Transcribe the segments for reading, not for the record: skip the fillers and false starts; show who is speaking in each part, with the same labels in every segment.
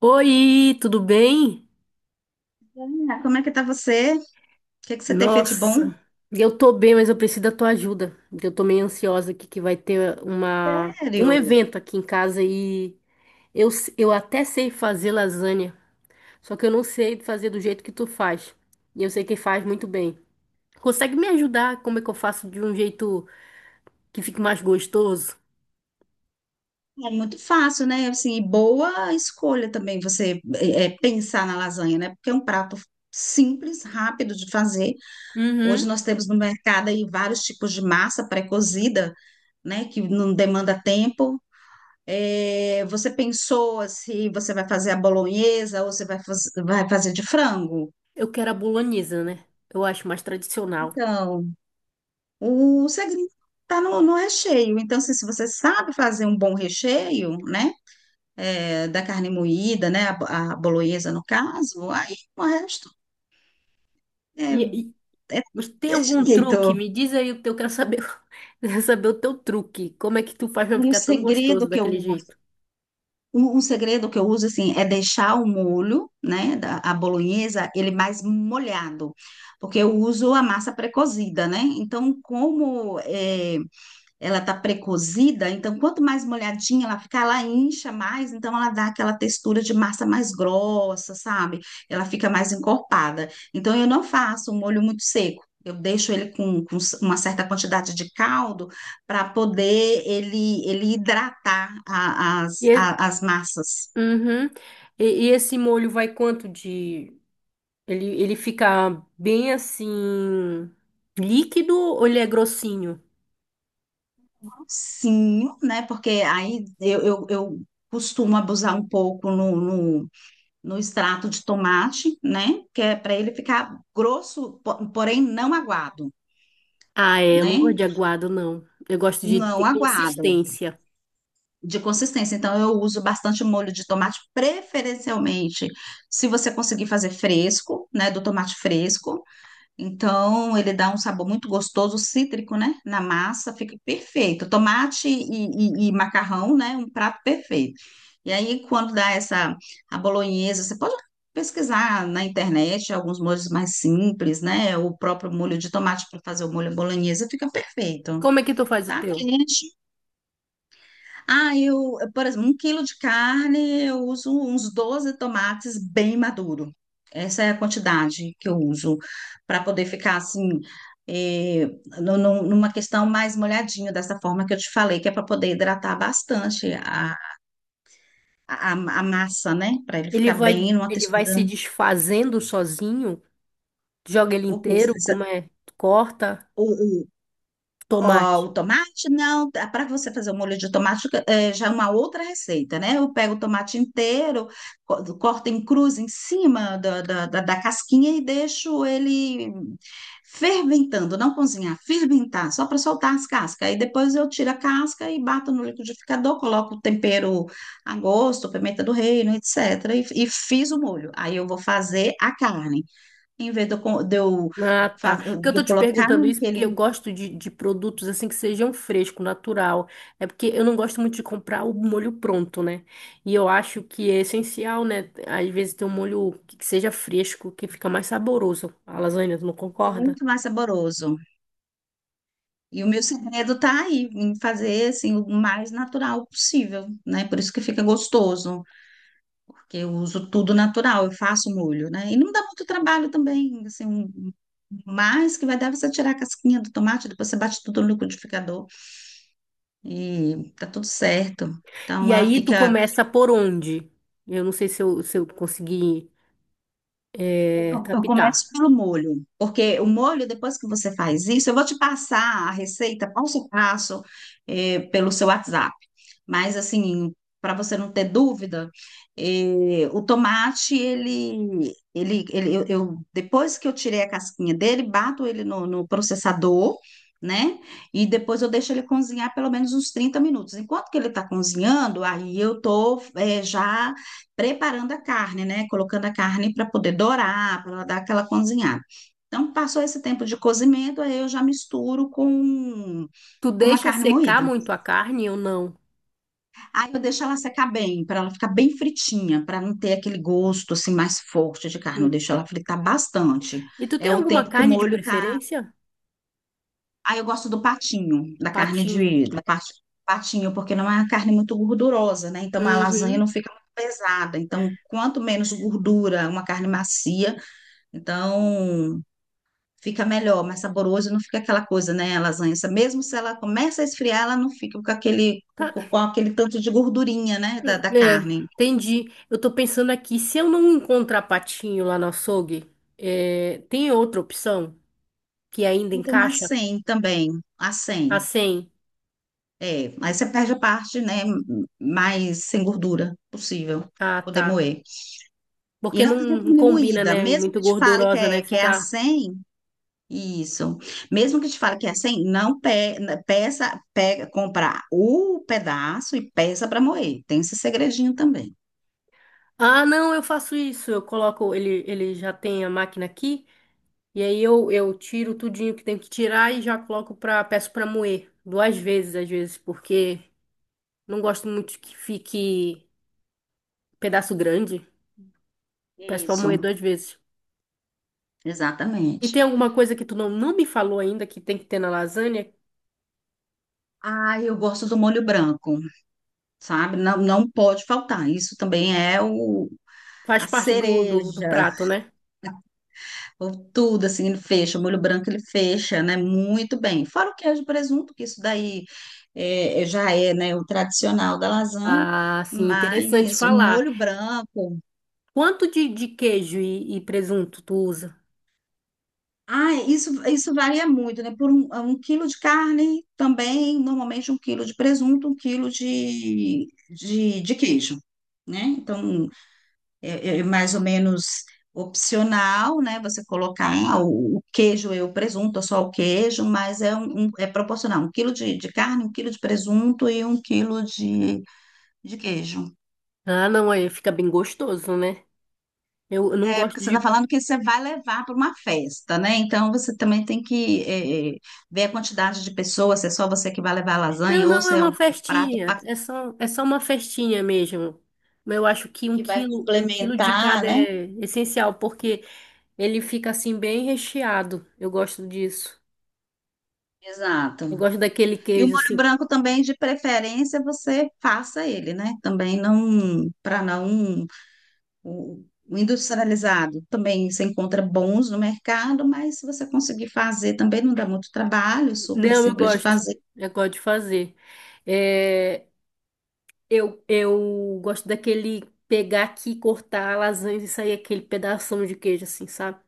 Speaker 1: Oi, tudo bem?
Speaker 2: Ah, como é que tá você? O que é que você tem feito de bom?
Speaker 1: Nossa, eu tô bem, mas eu preciso da tua ajuda. Eu tô meio ansiosa aqui que vai ter um
Speaker 2: Sério?
Speaker 1: evento aqui em casa e eu até sei fazer lasanha, só que eu não sei fazer do jeito que tu faz. E eu sei que faz muito bem. Consegue me ajudar? Como é que eu faço de um jeito que fique mais gostoso?
Speaker 2: É muito fácil, né? Assim, e boa escolha também você pensar na lasanha, né? Porque é um prato simples, rápido de fazer. Hoje
Speaker 1: Uhum.
Speaker 2: nós temos no mercado aí vários tipos de massa pré-cozida, né? Que não demanda tempo. É, você pensou se você vai fazer a bolonhesa ou você vai fazer de frango?
Speaker 1: Eu quero a bolonhesa, né? Eu acho mais tradicional.
Speaker 2: Então, o segredo tá no recheio. Então, assim, se você sabe fazer um bom recheio, né? Da carne moída, né? A bolonhesa, no caso, aí o resto é, é,
Speaker 1: Mas tem
Speaker 2: é
Speaker 1: algum truque?
Speaker 2: jeito.
Speaker 1: Me diz aí o teu, eu quero saber, eu quero saber o teu truque. Como é que tu faz pra
Speaker 2: Um
Speaker 1: ficar tão gostoso
Speaker 2: segredo que eu,
Speaker 1: daquele jeito?
Speaker 2: um segredo que eu uso, assim, é deixar o molho, né? A bolonhesa, ele mais molhado, porque eu uso a massa pré-cozida, né? Então, como é, ela tá precozida, então quanto mais molhadinha ela ficar, ela incha mais, então ela dá aquela textura de massa mais grossa, sabe? Ela fica mais encorpada. Então eu não faço um molho muito seco. Eu deixo ele com uma certa quantidade de caldo para poder ele hidratar a- as,
Speaker 1: E, e-
Speaker 2: a- as massas.
Speaker 1: uhum. E esse molho vai quanto de... ele fica bem assim, líquido ou ele é grossinho?
Speaker 2: Sim, né? Porque aí eu costumo abusar um pouco no extrato de tomate, né? Que é para ele ficar grosso, porém não aguado,
Speaker 1: Ah, é, eu não gosto
Speaker 2: né?
Speaker 1: de aguado, não. Eu gosto de
Speaker 2: Não
Speaker 1: ter
Speaker 2: aguado,
Speaker 1: consistência.
Speaker 2: de consistência. Então, eu uso bastante molho de tomate, preferencialmente, se você conseguir fazer fresco, né? Do tomate fresco. Então, ele dá um sabor muito gostoso, cítrico, né? Na massa, fica perfeito. Tomate e macarrão, né? Um prato perfeito. E aí, quando dá essa a bolonhesa, você pode pesquisar na internet alguns molhos mais simples, né? O próprio molho de tomate para fazer o molho bolonhesa fica perfeito.
Speaker 1: Como é que tu faz o
Speaker 2: Tá
Speaker 1: teu?
Speaker 2: quente. Ah, eu, por exemplo, um quilo de carne, eu uso uns 12 tomates bem maduro. Essa é a quantidade que eu uso para poder ficar assim, eh, numa questão mais molhadinho, dessa forma que eu te falei, que é para poder hidratar bastante a massa, né? Para ele
Speaker 1: Ele
Speaker 2: ficar
Speaker 1: vai,
Speaker 2: bem numa
Speaker 1: ele vai
Speaker 2: textura,
Speaker 1: se
Speaker 2: né?
Speaker 1: desfazendo sozinho? Joga ele
Speaker 2: Porque
Speaker 1: inteiro? Como é? Corta?
Speaker 2: Ó, o
Speaker 1: Tomate.
Speaker 2: tomate, não, para você fazer o molho de tomate já é uma outra receita, né? Eu pego o tomate inteiro, corto em cruz em cima da casquinha e deixo ele ferventando, não cozinhar, ferventar, só para soltar as cascas. Aí depois eu tiro a casca e bato no liquidificador, coloco o tempero a gosto, pimenta do reino, etc. E fiz o molho. Aí eu vou fazer a carne. Em vez de eu, co- de eu
Speaker 1: Ah, tá.
Speaker 2: faz-
Speaker 1: Porque eu
Speaker 2: de
Speaker 1: tô
Speaker 2: eu
Speaker 1: te
Speaker 2: colocar
Speaker 1: perguntando isso porque
Speaker 2: aquele.
Speaker 1: eu gosto de produtos assim que sejam fresco, natural. É porque eu não gosto muito de comprar o molho pronto, né? E eu acho que é essencial, né? Às vezes ter um molho que seja fresco, que fica mais saboroso. A lasanha, tu não concorda?
Speaker 2: Muito mais saboroso. E o meu segredo tá aí, em fazer assim o mais natural possível, né? Por isso que fica gostoso, porque eu uso tudo natural, eu faço molho, né? E não dá muito trabalho também, assim, um mais que vai dar você tirar a casquinha do tomate, depois você bate tudo no liquidificador e tá tudo certo.
Speaker 1: E
Speaker 2: Então ela
Speaker 1: aí tu
Speaker 2: fica.
Speaker 1: começa por onde? Eu não sei se eu consegui
Speaker 2: Eu
Speaker 1: captar.
Speaker 2: começo pelo molho, porque o molho, depois que você faz isso, eu vou te passar a receita passo a passo, pelo seu WhatsApp. Mas assim, para você não ter dúvida, o tomate depois que eu tirei a casquinha dele, bato ele no processador, né? E depois eu deixo ele cozinhar pelo menos uns 30 minutos. Enquanto que ele está cozinhando, aí eu tô já preparando a carne, né? Colocando a carne para poder dourar, para dar aquela cozinhada. Então, passou esse tempo de cozimento, aí eu já misturo com,
Speaker 1: Tu
Speaker 2: com uma
Speaker 1: deixa
Speaker 2: carne
Speaker 1: secar
Speaker 2: moída.
Speaker 1: muito a carne ou não?
Speaker 2: Aí eu deixo ela secar bem, para ela ficar bem fritinha, para não ter aquele gosto assim mais forte de carne. Eu
Speaker 1: Hum.
Speaker 2: deixo ela fritar bastante.
Speaker 1: E tu
Speaker 2: É
Speaker 1: tem
Speaker 2: o
Speaker 1: alguma
Speaker 2: tempo que o
Speaker 1: carne de
Speaker 2: molho tá.
Speaker 1: preferência?
Speaker 2: Aí eu gosto do patinho, da carne
Speaker 1: Patinho.
Speaker 2: de da parte patinho, porque não é uma carne muito gordurosa, né? Então a lasanha não
Speaker 1: Uhum.
Speaker 2: fica muito pesada. Então, quanto menos gordura, uma carne macia, então fica melhor, mais saboroso, não fica aquela coisa, né, a lasanha, mesmo se ela começa a esfriar, ela não fica
Speaker 1: Tá.
Speaker 2: com aquele tanto de gordurinha, né, da
Speaker 1: É,
Speaker 2: carne.
Speaker 1: entendi. Eu tô pensando aqui, se eu não encontrar patinho lá no açougue, tem outra opção que ainda
Speaker 2: Eu tenho uma
Speaker 1: encaixa?
Speaker 2: 100 também, a
Speaker 1: A
Speaker 2: 100.
Speaker 1: 100?
Speaker 2: É, aí você perde a parte, né, mais sem gordura possível,
Speaker 1: Ah,
Speaker 2: pra poder
Speaker 1: tá.
Speaker 2: moer. E
Speaker 1: Porque
Speaker 2: não fica
Speaker 1: não
Speaker 2: tudo
Speaker 1: combina,
Speaker 2: moída,
Speaker 1: né?
Speaker 2: mesmo
Speaker 1: Muito
Speaker 2: que te fale que
Speaker 1: gordurosa, né?
Speaker 2: é, que é a
Speaker 1: Ficar.
Speaker 2: 100, isso. Mesmo que te fale que é a 100, não né, peça, pega, comprar o pedaço e peça para moer. Tem esse segredinho também.
Speaker 1: Ah, não, eu faço isso. Eu coloco, ele já tem a máquina aqui, e aí eu tiro tudinho que tem que tirar e já coloco pra, peço pra moer. Duas vezes, às vezes, porque não gosto muito que fique pedaço grande. Peço pra
Speaker 2: Isso,
Speaker 1: moer duas vezes. E
Speaker 2: exatamente.
Speaker 1: tem alguma coisa que tu não, não me falou ainda que tem que ter na lasanha?
Speaker 2: Ah, eu gosto do molho branco, sabe? Não, não pode faltar. Isso também é o,
Speaker 1: Faz
Speaker 2: a
Speaker 1: parte do do
Speaker 2: cereja.
Speaker 1: prato, né?
Speaker 2: Ou tudo assim, ele fecha, o molho branco ele fecha, né? Muito bem. Fora o queijo e presunto, que isso daí já é, né, o tradicional da lasanha,
Speaker 1: Ah, sim, interessante
Speaker 2: mas o
Speaker 1: falar.
Speaker 2: molho branco.
Speaker 1: Quanto de queijo e presunto tu usa?
Speaker 2: Ah, isso varia muito, né? Por um quilo de carne também, normalmente um quilo de presunto, um quilo de queijo, né? Então, é mais ou menos opcional, né? Você colocar "Ah, o queijo e o presunto, ou só o queijo, mas é proporcional. Um quilo de carne, um quilo de presunto e um quilo de queijo.
Speaker 1: Ah, não, aí fica bem gostoso, né? Eu não
Speaker 2: É,
Speaker 1: gosto
Speaker 2: porque você
Speaker 1: de.
Speaker 2: está falando que você vai levar para uma festa, né? Então você também tem que ver a quantidade de pessoas, se é só você que vai levar a
Speaker 1: Não,
Speaker 2: lasanha ou
Speaker 1: não, é
Speaker 2: se é
Speaker 1: uma
Speaker 2: um prato
Speaker 1: festinha. É só uma festinha mesmo. Mas eu acho que
Speaker 2: que vai
Speaker 1: um quilo de
Speaker 2: complementar,
Speaker 1: cada
Speaker 2: né?
Speaker 1: é essencial, porque ele fica assim bem recheado. Eu gosto disso.
Speaker 2: Exato.
Speaker 1: Eu gosto daquele
Speaker 2: E o
Speaker 1: queijo
Speaker 2: molho
Speaker 1: assim.
Speaker 2: branco também, de preferência, você faça ele, né? Também não, para não, o industrializado também você encontra bons no mercado, mas se você conseguir fazer, também não dá muito trabalho, super
Speaker 1: Não, eu
Speaker 2: simples de
Speaker 1: gosto.
Speaker 2: fazer.
Speaker 1: Eu gosto de fazer. É, eu gosto daquele pegar aqui, cortar a lasanha e sair aquele pedação de queijo assim, sabe?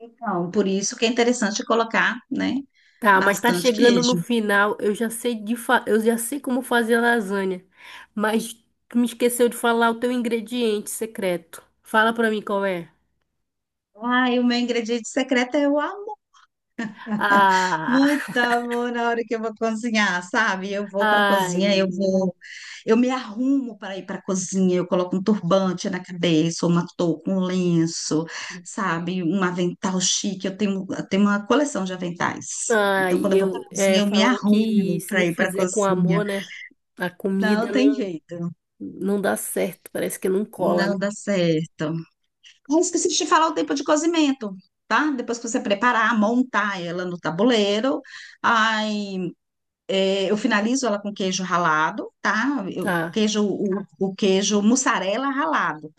Speaker 2: Então, por isso que é interessante colocar, né?
Speaker 1: Tá, mas tá
Speaker 2: Bastante
Speaker 1: chegando no
Speaker 2: queijo.
Speaker 1: final. Eu já sei de fa... eu já sei como fazer a lasanha, mas tu me esqueceu de falar o teu ingrediente secreto. Fala pra mim qual é.
Speaker 2: Ah, e o meu ingrediente secreto é o
Speaker 1: Ah,
Speaker 2: Muito amor na hora que eu vou cozinhar, sabe? Eu vou para a
Speaker 1: ai,
Speaker 2: cozinha,
Speaker 1: menina.
Speaker 2: eu me arrumo para ir para a cozinha, eu coloco um turbante na cabeça, uma touca, um lenço, sabe? Um avental chique. Eu tenho uma coleção de aventais. Então,
Speaker 1: Ai,
Speaker 2: quando eu vou para
Speaker 1: eu
Speaker 2: a cozinha,
Speaker 1: é,
Speaker 2: eu me
Speaker 1: falam que
Speaker 2: arrumo
Speaker 1: se
Speaker 2: para
Speaker 1: não
Speaker 2: ir para a
Speaker 1: fizer com
Speaker 2: cozinha.
Speaker 1: amor, né? A comida
Speaker 2: Não tem jeito,
Speaker 1: não dá certo, parece que não cola, né?
Speaker 2: não dá certo. Eu esqueci de te falar o tempo de cozimento. Tá? Depois que você preparar, montar ela no tabuleiro, aí eu finalizo ela com queijo ralado, tá? Eu,
Speaker 1: Tá.
Speaker 2: queijo, o, o queijo mussarela ralado.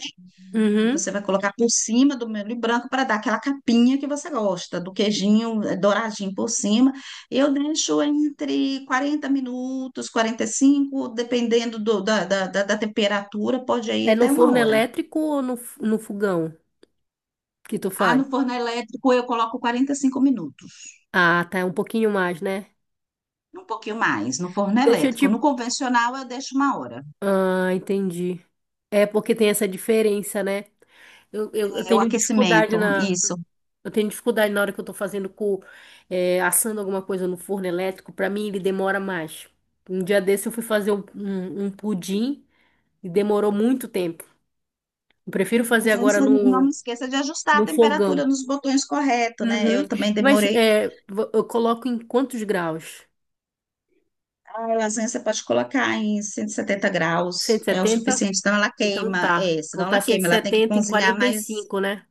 Speaker 1: Uhum.
Speaker 2: Você vai colocar por cima do molho branco para dar aquela capinha que você gosta, do queijinho douradinho por cima. Eu deixo entre 40 minutos, 45, dependendo da temperatura, pode ir
Speaker 1: É no
Speaker 2: até uma
Speaker 1: forno
Speaker 2: hora.
Speaker 1: elétrico ou no, no fogão que tu
Speaker 2: Ah,
Speaker 1: faz?
Speaker 2: no forno elétrico eu coloco 45 minutos,
Speaker 1: Ah, tá, é um pouquinho mais, né?
Speaker 2: um pouquinho mais, no forno
Speaker 1: Deixa eu
Speaker 2: elétrico.
Speaker 1: te...
Speaker 2: No convencional eu deixo uma hora.
Speaker 1: Ah, entendi. É porque tem essa diferença, né? Eu
Speaker 2: É o
Speaker 1: tenho dificuldade
Speaker 2: aquecimento,
Speaker 1: na...
Speaker 2: isso.
Speaker 1: Eu tenho dificuldade na hora que eu tô fazendo com... é, assando alguma coisa no forno elétrico. Pra mim, ele demora mais. Um dia desse eu fui fazer um pudim e demorou muito tempo. Eu prefiro fazer
Speaker 2: Mas vezes
Speaker 1: agora
Speaker 2: você não me
Speaker 1: no,
Speaker 2: esqueça de ajustar a
Speaker 1: no
Speaker 2: temperatura
Speaker 1: fogão.
Speaker 2: nos botões correto, né?
Speaker 1: Uhum.
Speaker 2: Eu também
Speaker 1: Mas
Speaker 2: demorei.
Speaker 1: é, eu coloco em quantos graus?
Speaker 2: A lasanha você pode colocar em cento e setenta
Speaker 1: cento
Speaker 2: graus,
Speaker 1: e
Speaker 2: é o
Speaker 1: setenta
Speaker 2: suficiente, senão ela
Speaker 1: Então
Speaker 2: queima.
Speaker 1: tá.
Speaker 2: É, senão
Speaker 1: Colocar
Speaker 2: ela
Speaker 1: cento e
Speaker 2: queima, ela tem que
Speaker 1: setenta em
Speaker 2: cozinhar
Speaker 1: quarenta e
Speaker 2: mais
Speaker 1: cinco né?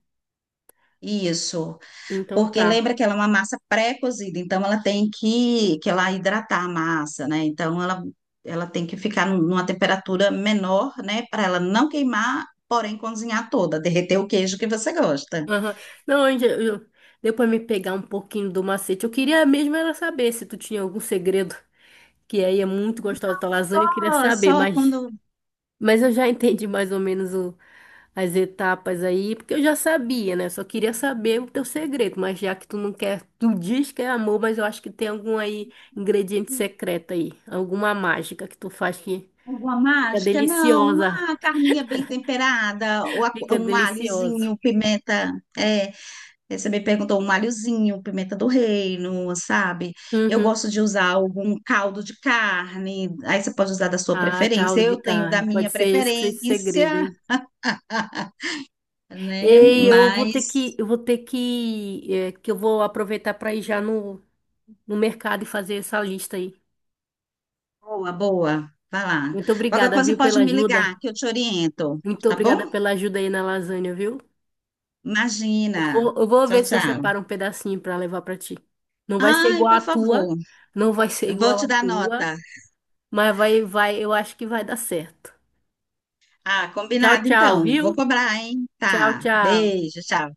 Speaker 2: isso.
Speaker 1: Então
Speaker 2: Porque
Speaker 1: tá.
Speaker 2: lembra que ela é uma massa pré-cozida, então ela tem que ela hidratar a massa, né? Então ela tem que ficar numa temperatura menor, né? Para ela não queimar, porém cozinhar toda, derreter o queijo que você gosta.
Speaker 1: Aham. Não, deu pra me pegar um pouquinho do macete. Eu queria mesmo era saber se tu tinha algum segredo, que aí é muito gostosa da
Speaker 2: Só
Speaker 1: lasanha, eu queria saber,
Speaker 2: só quando
Speaker 1: mas eu já entendi mais ou menos o, as etapas aí, porque eu já sabia, né? Só queria saber o teu segredo, mas já que tu não quer, tu diz que é amor, mas eu acho que tem algum aí ingrediente secreto aí, alguma mágica que tu faz que
Speaker 2: Uma
Speaker 1: fica
Speaker 2: mágica? Não,
Speaker 1: deliciosa,
Speaker 2: uma carninha bem temperada, ou a-
Speaker 1: fica
Speaker 2: um
Speaker 1: delicioso.
Speaker 2: alhozinho, pimenta. É, Você me perguntou um alhozinho, pimenta do reino, sabe? Eu
Speaker 1: Uhum.
Speaker 2: gosto de usar algum caldo de carne, aí você pode usar da sua
Speaker 1: Ah,
Speaker 2: preferência.
Speaker 1: caldo de
Speaker 2: Eu tenho da
Speaker 1: carne.
Speaker 2: minha
Speaker 1: Pode ser esse que seja o segredo,
Speaker 2: preferência,
Speaker 1: hein?
Speaker 2: né?
Speaker 1: Ei,
Speaker 2: Mas,
Speaker 1: eu vou ter que, é, que eu vou aproveitar para ir já no, no mercado e fazer essa lista aí.
Speaker 2: boa, boa. Vai lá.
Speaker 1: Muito
Speaker 2: Qualquer
Speaker 1: obrigada,
Speaker 2: coisa
Speaker 1: viu,
Speaker 2: pode
Speaker 1: pela
Speaker 2: me
Speaker 1: ajuda.
Speaker 2: ligar, que eu te oriento,
Speaker 1: Muito
Speaker 2: tá
Speaker 1: obrigada
Speaker 2: bom?
Speaker 1: pela ajuda aí na lasanha, viu?
Speaker 2: Imagina.
Speaker 1: Eu vou
Speaker 2: Tchau,
Speaker 1: ver se eu
Speaker 2: tchau.
Speaker 1: separo um pedacinho pra levar pra ti. Não vai ser
Speaker 2: Ai,
Speaker 1: igual à
Speaker 2: por
Speaker 1: tua,
Speaker 2: favor,
Speaker 1: não vai ser
Speaker 2: vou
Speaker 1: igual
Speaker 2: te
Speaker 1: à
Speaker 2: dar
Speaker 1: tua,
Speaker 2: nota.
Speaker 1: mas vai, eu acho que vai dar certo.
Speaker 2: Ah,
Speaker 1: Tchau,
Speaker 2: combinado
Speaker 1: tchau,
Speaker 2: então.
Speaker 1: viu?
Speaker 2: Vou cobrar, hein?
Speaker 1: Tchau,
Speaker 2: Tá.
Speaker 1: tchau.
Speaker 2: Beijo, tchau.